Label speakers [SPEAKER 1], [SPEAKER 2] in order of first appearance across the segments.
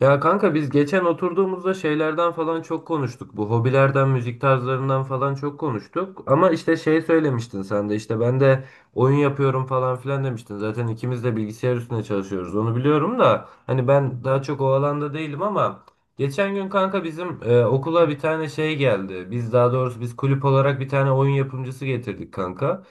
[SPEAKER 1] Ya kanka biz geçen oturduğumuzda şeylerden falan çok konuştuk. Bu hobilerden, müzik tarzlarından falan çok konuştuk. Ama işte şey söylemiştin sen de işte ben de oyun yapıyorum falan filan demiştin. Zaten ikimiz de bilgisayar üstüne çalışıyoruz. Onu biliyorum da hani ben
[SPEAKER 2] Evet
[SPEAKER 1] daha çok o alanda değilim ama geçen gün kanka bizim okula bir tane şey geldi. Biz daha doğrusu biz kulüp olarak bir tane oyun yapımcısı getirdik kanka.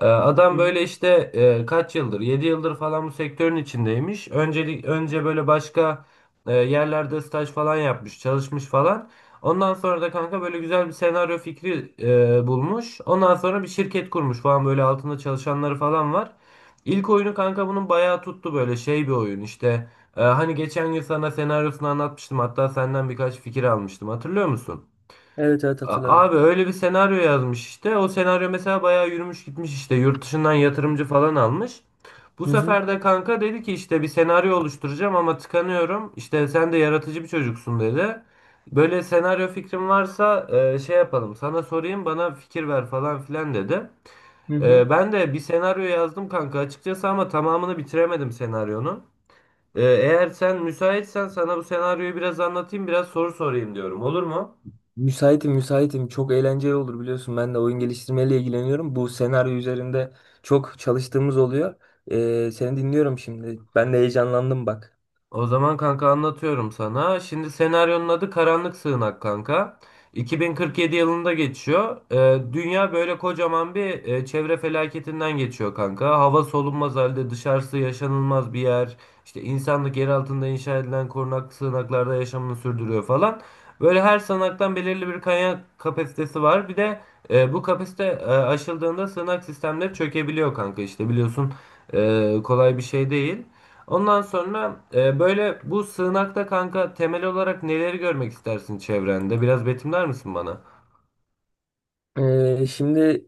[SPEAKER 1] Adam böyle işte kaç yıldır 7 yıldır falan bu sektörün içindeymiş. Öncelik önce böyle başka yerlerde staj falan yapmış, çalışmış falan. Ondan sonra da kanka böyle güzel bir senaryo fikri bulmuş. Ondan sonra bir şirket kurmuş falan böyle altında çalışanları falan var. İlk oyunu kanka bunun bayağı tuttu böyle şey bir oyun işte. Hani geçen gün sana senaryosunu anlatmıştım, hatta senden birkaç fikir almıştım, hatırlıyor musun?
[SPEAKER 2] evet hatırladım.
[SPEAKER 1] Abi öyle bir senaryo yazmış işte. O senaryo mesela bayağı yürümüş gitmiş işte. Yurt dışından yatırımcı falan almış. Bu
[SPEAKER 2] Hı hı.
[SPEAKER 1] sefer de kanka dedi ki işte bir senaryo oluşturacağım ama tıkanıyorum. İşte sen de yaratıcı bir çocuksun dedi. Böyle senaryo fikrim varsa şey yapalım. Sana sorayım, bana fikir ver falan filan dedi.
[SPEAKER 2] Hı hı.
[SPEAKER 1] Ben de bir senaryo yazdım kanka açıkçası ama tamamını bitiremedim senaryonun. Eğer sen müsaitsen sana bu senaryoyu biraz anlatayım, biraz soru sorayım diyorum. Olur mu?
[SPEAKER 2] Müsaitim müsaitim. Çok eğlenceli olur biliyorsun. Ben de oyun geliştirmeyle ilgileniyorum. Bu senaryo üzerinde çok çalıştığımız oluyor. Seni dinliyorum şimdi. Ben de heyecanlandım bak.
[SPEAKER 1] O zaman kanka anlatıyorum sana. Şimdi senaryonun adı Karanlık Sığınak kanka. 2047 yılında geçiyor. Dünya böyle kocaman bir çevre felaketinden geçiyor kanka. Hava solunmaz halde, dışarısı yaşanılmaz bir yer. İşte insanlık yer altında inşa edilen korunak sığınaklarda yaşamını sürdürüyor falan. Böyle her sığınaktan belirli bir kaynak kapasitesi var. Bir de bu kapasite aşıldığında sığınak sistemleri çökebiliyor kanka. İşte biliyorsun kolay bir şey değil. Ondan sonra böyle bu sığınakta kanka temel olarak neleri görmek istersin çevrende? Biraz betimler misin bana?
[SPEAKER 2] Şimdi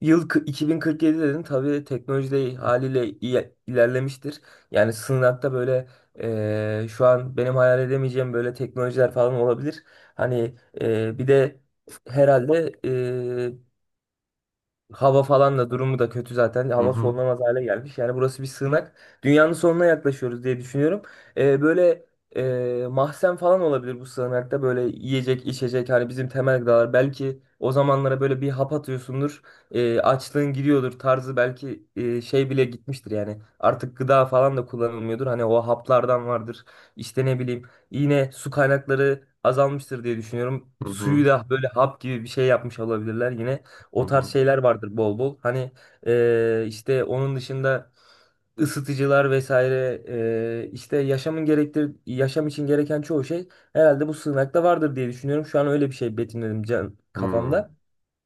[SPEAKER 2] 2047 dedin. Tabii teknoloji de haliyle ilerlemiştir. Yani sınavda böyle şu an benim hayal edemeyeceğim böyle teknolojiler falan olabilir. Hani bir de herhalde hava falan da durumu da kötü zaten.
[SPEAKER 1] Hı
[SPEAKER 2] Hava
[SPEAKER 1] hı.
[SPEAKER 2] solunamaz hale gelmiş. Yani burası bir sığınak. Dünyanın sonuna yaklaşıyoruz diye düşünüyorum. Böyle mahzen falan olabilir bu sığınakta. Böyle yiyecek, içecek hani bizim temel gıdalar. Belki o zamanlara böyle bir hap atıyorsundur. Açlığın gidiyordur tarzı belki şey bile gitmiştir yani. Artık gıda falan da kullanılmıyordur. Hani o haplardan vardır. İşte ne bileyim, yine su kaynakları azalmıştır diye düşünüyorum.
[SPEAKER 1] Hı
[SPEAKER 2] Suyu
[SPEAKER 1] hı.
[SPEAKER 2] da böyle hap gibi bir şey yapmış olabilirler yine.
[SPEAKER 1] Hı
[SPEAKER 2] O tarz
[SPEAKER 1] hı.
[SPEAKER 2] şeyler vardır bol bol. Hani işte onun dışında ısıtıcılar vesaire, işte yaşam için gereken çoğu şey herhalde bu sığınakta vardır diye düşünüyorum. Şu an öyle bir şey betimledim can
[SPEAKER 1] Hı.
[SPEAKER 2] kafamda.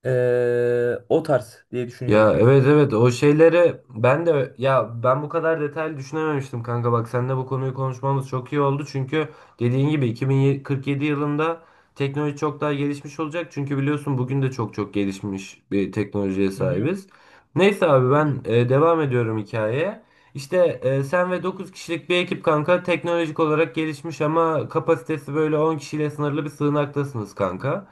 [SPEAKER 2] O tarz diye
[SPEAKER 1] Ya,
[SPEAKER 2] düşünüyorum.
[SPEAKER 1] evet evet, o şeyleri ben de, ya ben bu kadar detaylı düşünememiştim kanka, bak seninle bu konuyu konuşmamız çok iyi oldu çünkü dediğin gibi 2047 yılında teknoloji çok daha gelişmiş olacak çünkü biliyorsun bugün de çok çok gelişmiş bir teknolojiye sahibiz. Neyse abi ben devam ediyorum hikayeye. İşte sen ve 9 kişilik bir ekip kanka teknolojik olarak gelişmiş ama kapasitesi böyle 10 kişiyle sınırlı bir sığınaktasınız kanka.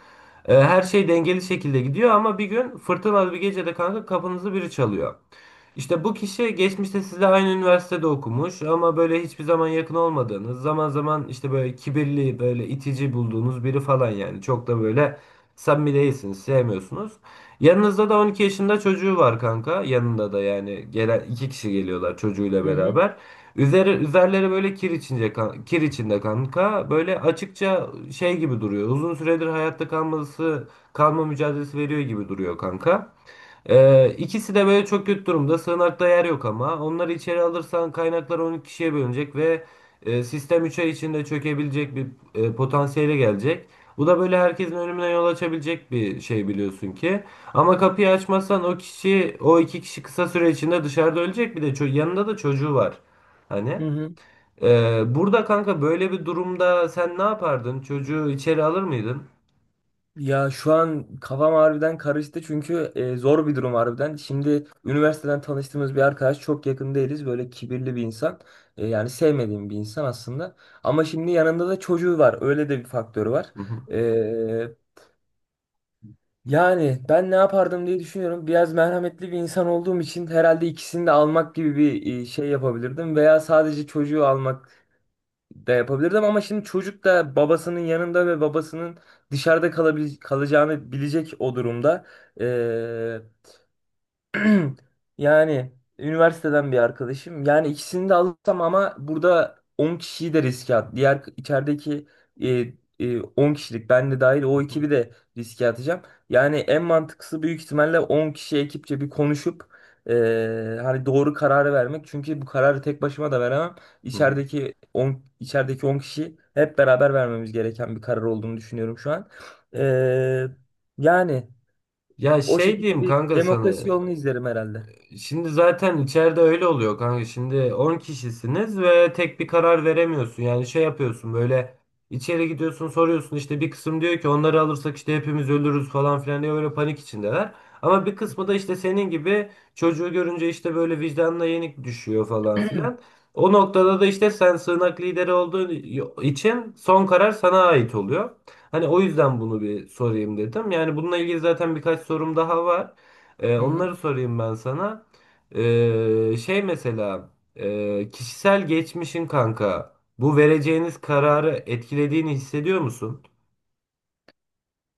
[SPEAKER 1] Her şey dengeli şekilde gidiyor ama bir gün fırtınalı bir gecede kanka kapınızı biri çalıyor. İşte bu kişi geçmişte sizle aynı üniversitede okumuş ama böyle hiçbir zaman yakın olmadığınız, zaman zaman işte böyle kibirli, böyle itici bulduğunuz biri falan yani. Çok da böyle samimi değilsiniz, sevmiyorsunuz. Yanınızda da 12 yaşında çocuğu var kanka. Yanında da, yani gelen 2 kişi geliyorlar çocuğuyla
[SPEAKER 2] Hı hı,
[SPEAKER 1] beraber. Üzerleri böyle kir kir içinde kanka. Böyle açıkça şey gibi duruyor. Uzun süredir hayatta kalma mücadelesi veriyor gibi duruyor kanka. İkisi de böyle çok kötü durumda. Sığınakta yer yok ama. Onları içeri alırsan kaynaklar 12 kişiye bölünecek ve sistem 3 ay içinde çökebilecek bir potansiyele gelecek. Bu da böyle herkesin önümüne yol açabilecek bir şey biliyorsun ki. Ama kapıyı açmazsan o kişi, o 2 kişi kısa süre içinde dışarıda ölecek. Bir de yanında da çocuğu var. Hani.
[SPEAKER 2] hı hı.
[SPEAKER 1] Burada kanka böyle bir durumda sen ne yapardın? Çocuğu içeri alır mıydın?
[SPEAKER 2] Ya şu an kafam harbiden karıştı çünkü zor bir durum harbiden. Şimdi üniversiteden tanıştığımız bir arkadaş, çok yakın değiliz. Böyle kibirli bir insan. Yani sevmediğim bir insan aslında. Ama şimdi yanında da çocuğu var. Öyle de bir faktörü var.
[SPEAKER 1] Hı hı,
[SPEAKER 2] E, Yani ben ne yapardım diye düşünüyorum. Biraz merhametli bir insan olduğum için herhalde ikisini de almak gibi bir şey yapabilirdim. Veya sadece çocuğu almak de yapabilirdim ama şimdi çocuk da babasının yanında ve babasının dışarıda kalacağını bilecek o durumda. Yani üniversiteden bir arkadaşım. Yani ikisini de alırsam ama burada 10 kişiyi de riske at. Diğer içerideki e, 10 kişilik, ben de dahil,
[SPEAKER 1] hı
[SPEAKER 2] o
[SPEAKER 1] hı,
[SPEAKER 2] ekibi de riske atacağım. Yani en mantıklısı büyük ihtimalle 10 kişi ekipçe bir konuşup hani doğru kararı vermek. Çünkü bu kararı tek başıma da veremem.
[SPEAKER 1] hı hı.
[SPEAKER 2] İçerideki on kişi hep beraber vermemiz gereken bir karar olduğunu düşünüyorum şu an. E, Yani
[SPEAKER 1] Ya
[SPEAKER 2] o
[SPEAKER 1] şey
[SPEAKER 2] şekilde
[SPEAKER 1] diyeyim
[SPEAKER 2] bir
[SPEAKER 1] kanka sana.
[SPEAKER 2] demokrasi yolunu izlerim herhalde.
[SPEAKER 1] Şimdi zaten içeride öyle oluyor kanka. Şimdi 10 kişisiniz ve tek bir karar veremiyorsun. Yani şey yapıyorsun böyle, içeri gidiyorsun, soruyorsun, işte bir kısım diyor ki onları alırsak işte hepimiz ölürüz falan filan diye, böyle panik içindeler. Ama bir kısmı da işte senin gibi çocuğu görünce işte böyle vicdanına yenik düşüyor falan filan. O noktada da işte sen sığınak lideri olduğun için son karar sana ait oluyor. Hani o yüzden bunu bir sorayım dedim. Yani bununla ilgili zaten birkaç sorum daha var.
[SPEAKER 2] Hı hı.
[SPEAKER 1] Onları sorayım ben sana. Şey mesela kişisel geçmişin kanka bu vereceğiniz kararı etkilediğini hissediyor musun?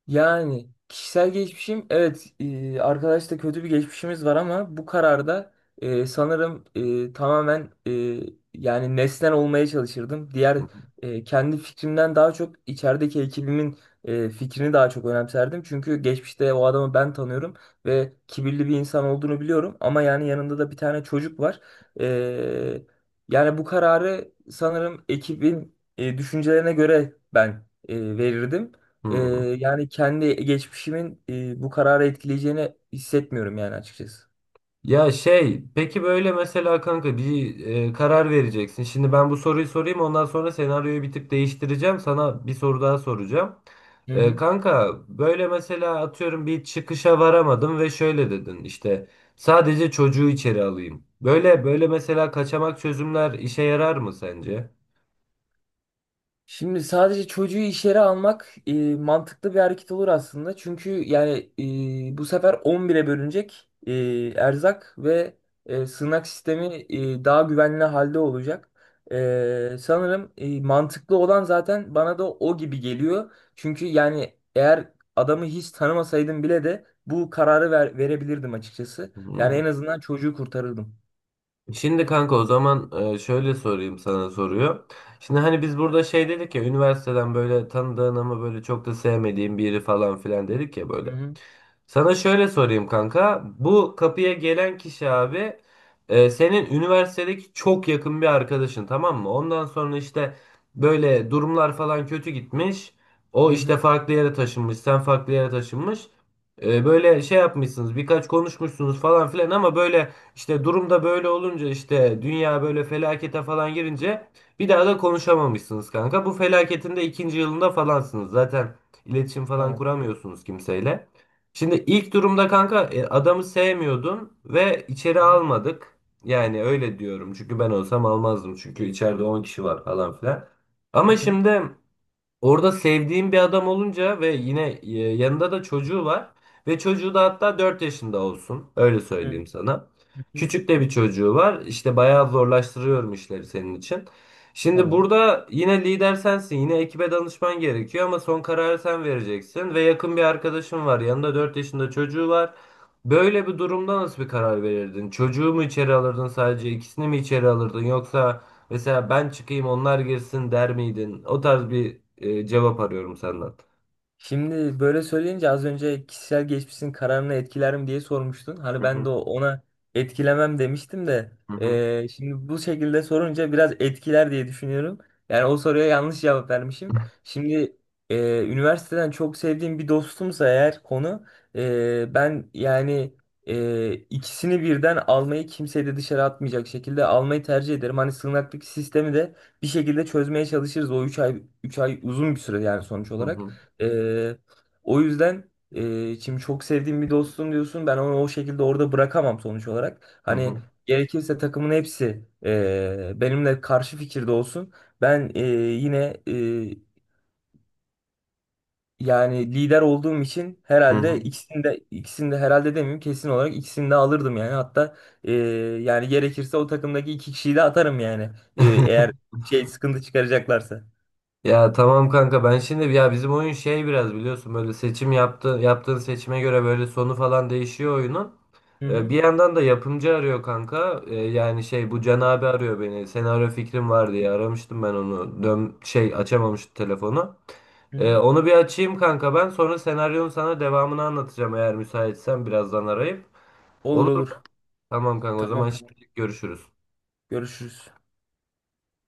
[SPEAKER 2] Yani kişisel geçmişim, evet, arkadaşla kötü bir geçmişimiz var ama bu kararda sanırım e, tamamen e, yani nesnel olmaya çalışırdım. Kendi fikrimden daha çok içerideki ekibimin fikrini daha çok önemserdim. Çünkü geçmişte o adamı ben tanıyorum ve kibirli bir insan olduğunu biliyorum ama yani yanında da bir tane çocuk var. E, Yani bu kararı sanırım ekibin düşüncelerine göre ben verirdim. Ee,
[SPEAKER 1] Hı.
[SPEAKER 2] Yani kendi geçmişimin bu kararı etkileyeceğini hissetmiyorum yani açıkçası.
[SPEAKER 1] Ya şey, peki böyle mesela kanka bir karar vereceksin. Şimdi ben bu soruyu sorayım, ondan sonra senaryoyu bir tık değiştireceğim. Sana bir soru daha soracağım.
[SPEAKER 2] Hı hı.
[SPEAKER 1] Kanka böyle mesela atıyorum, bir çıkışa varamadım ve şöyle dedin işte sadece çocuğu içeri alayım. Böyle böyle mesela kaçamak çözümler işe yarar mı sence?
[SPEAKER 2] Şimdi sadece çocuğu iş yere almak mantıklı bir hareket olur aslında. Çünkü yani bu sefer 11'e bölünecek erzak ve sığınak sistemi daha güvenli halde olacak. Sanırım mantıklı olan zaten bana da o gibi geliyor. Çünkü yani eğer adamı hiç tanımasaydım bile de bu kararı verebilirdim açıkçası. Yani en
[SPEAKER 1] Hmm.
[SPEAKER 2] azından çocuğu kurtarırdım.
[SPEAKER 1] Şimdi kanka o zaman şöyle sorayım sana soruyor. Şimdi hani biz burada şey dedik ya, üniversiteden böyle tanıdığın ama böyle çok da sevmediğin biri falan filan dedik ya
[SPEAKER 2] Hı
[SPEAKER 1] böyle.
[SPEAKER 2] hı,
[SPEAKER 1] Sana şöyle sorayım kanka. Bu kapıya gelen kişi abi senin üniversitedeki çok yakın bir arkadaşın, tamam mı? Ondan sonra işte böyle durumlar falan kötü gitmiş. O
[SPEAKER 2] hı
[SPEAKER 1] işte
[SPEAKER 2] hı,
[SPEAKER 1] farklı yere taşınmış, sen farklı yere taşınmış. Böyle şey yapmışsınız, birkaç konuşmuşsunuz falan filan ama böyle işte durumda böyle olunca, işte dünya böyle felakete falan girince, bir daha da konuşamamışsınız kanka. Bu felaketin de ikinci yılında falansınız. Zaten iletişim falan
[SPEAKER 2] tamam.
[SPEAKER 1] kuramıyorsunuz kimseyle. Şimdi ilk durumda kanka adamı sevmiyordun ve içeri
[SPEAKER 2] Hı
[SPEAKER 1] almadık. Yani öyle diyorum. Çünkü ben olsam almazdım. Çünkü içeride 10 kişi var falan filan. Ama
[SPEAKER 2] hı,
[SPEAKER 1] şimdi orada sevdiğim bir adam olunca ve yine yanında da çocuğu var. Ve çocuğu da hatta 4 yaşında olsun. Öyle
[SPEAKER 2] hı
[SPEAKER 1] söyleyeyim sana.
[SPEAKER 2] hı, hı hı,
[SPEAKER 1] Küçük de bir çocuğu var. İşte bayağı zorlaştırıyorum işleri senin için. Şimdi
[SPEAKER 2] tamam.
[SPEAKER 1] burada yine lider sensin. Yine ekibe danışman gerekiyor ama son kararı sen vereceksin. Ve yakın bir arkadaşın var. Yanında 4 yaşında çocuğu var. Böyle bir durumda nasıl bir karar verirdin? Çocuğu mu içeri alırdın sadece? İkisini mi içeri alırdın? Yoksa mesela ben çıkayım, onlar girsin der miydin? O tarz bir cevap arıyorum senden.
[SPEAKER 2] Şimdi böyle söyleyince az önce kişisel geçmişin kararını etkiler mi diye sormuştun. Hani
[SPEAKER 1] Hı
[SPEAKER 2] ben de
[SPEAKER 1] hı.
[SPEAKER 2] ona etkilemem demiştim de
[SPEAKER 1] Hı hı.
[SPEAKER 2] şimdi bu şekilde sorunca biraz etkiler diye düşünüyorum. Yani o soruya yanlış cevap vermişim. Şimdi eee, üniversiteden çok sevdiğim bir dostumsa eğer konu, ben yani ikisini birden almayı, kimseyi de dışarı atmayacak şekilde almayı tercih ederim. Hani sığınaklık sistemi de bir şekilde çözmeye çalışırız. O üç ay uzun bir süre yani sonuç
[SPEAKER 1] Hı
[SPEAKER 2] olarak.
[SPEAKER 1] hı.
[SPEAKER 2] Ee, O yüzden şimdi çok sevdiğim bir dostum diyorsun. Ben onu o şekilde orada bırakamam sonuç olarak.
[SPEAKER 1] Hı
[SPEAKER 2] Hani
[SPEAKER 1] hı.
[SPEAKER 2] gerekirse takımın hepsi benimle karşı fikirde olsun. Ben e, yine e, Yani lider olduğum için herhalde ikisini de herhalde demeyeyim, kesin olarak ikisini de alırdım yani. Hatta e, yani gerekirse o takımdaki iki kişiyi de atarım yani. Eğer şey sıkıntı çıkaracaklarsa.
[SPEAKER 1] Ya tamam kanka, ben şimdi, ya bizim oyun şey biraz biliyorsun, böyle seçim yaptığın seçime göre böyle sonu falan değişiyor oyunun.
[SPEAKER 2] Hı hı.
[SPEAKER 1] Bir yandan da yapımcı arıyor kanka. Yani şey, bu Can
[SPEAKER 2] Tamam.
[SPEAKER 1] abi arıyor beni. Senaryo fikrim var diye aramıştım ben onu. Dön şey açamamıştı telefonu.
[SPEAKER 2] Hı hı.
[SPEAKER 1] Onu bir açayım kanka ben. Sonra senaryonun sana devamını anlatacağım eğer müsaitsen birazdan arayıp.
[SPEAKER 2] Olur
[SPEAKER 1] Olur mu?
[SPEAKER 2] olur.
[SPEAKER 1] Tamam kanka, o zaman
[SPEAKER 2] Tamam tamam.
[SPEAKER 1] şimdi görüşürüz.
[SPEAKER 2] Görüşürüz.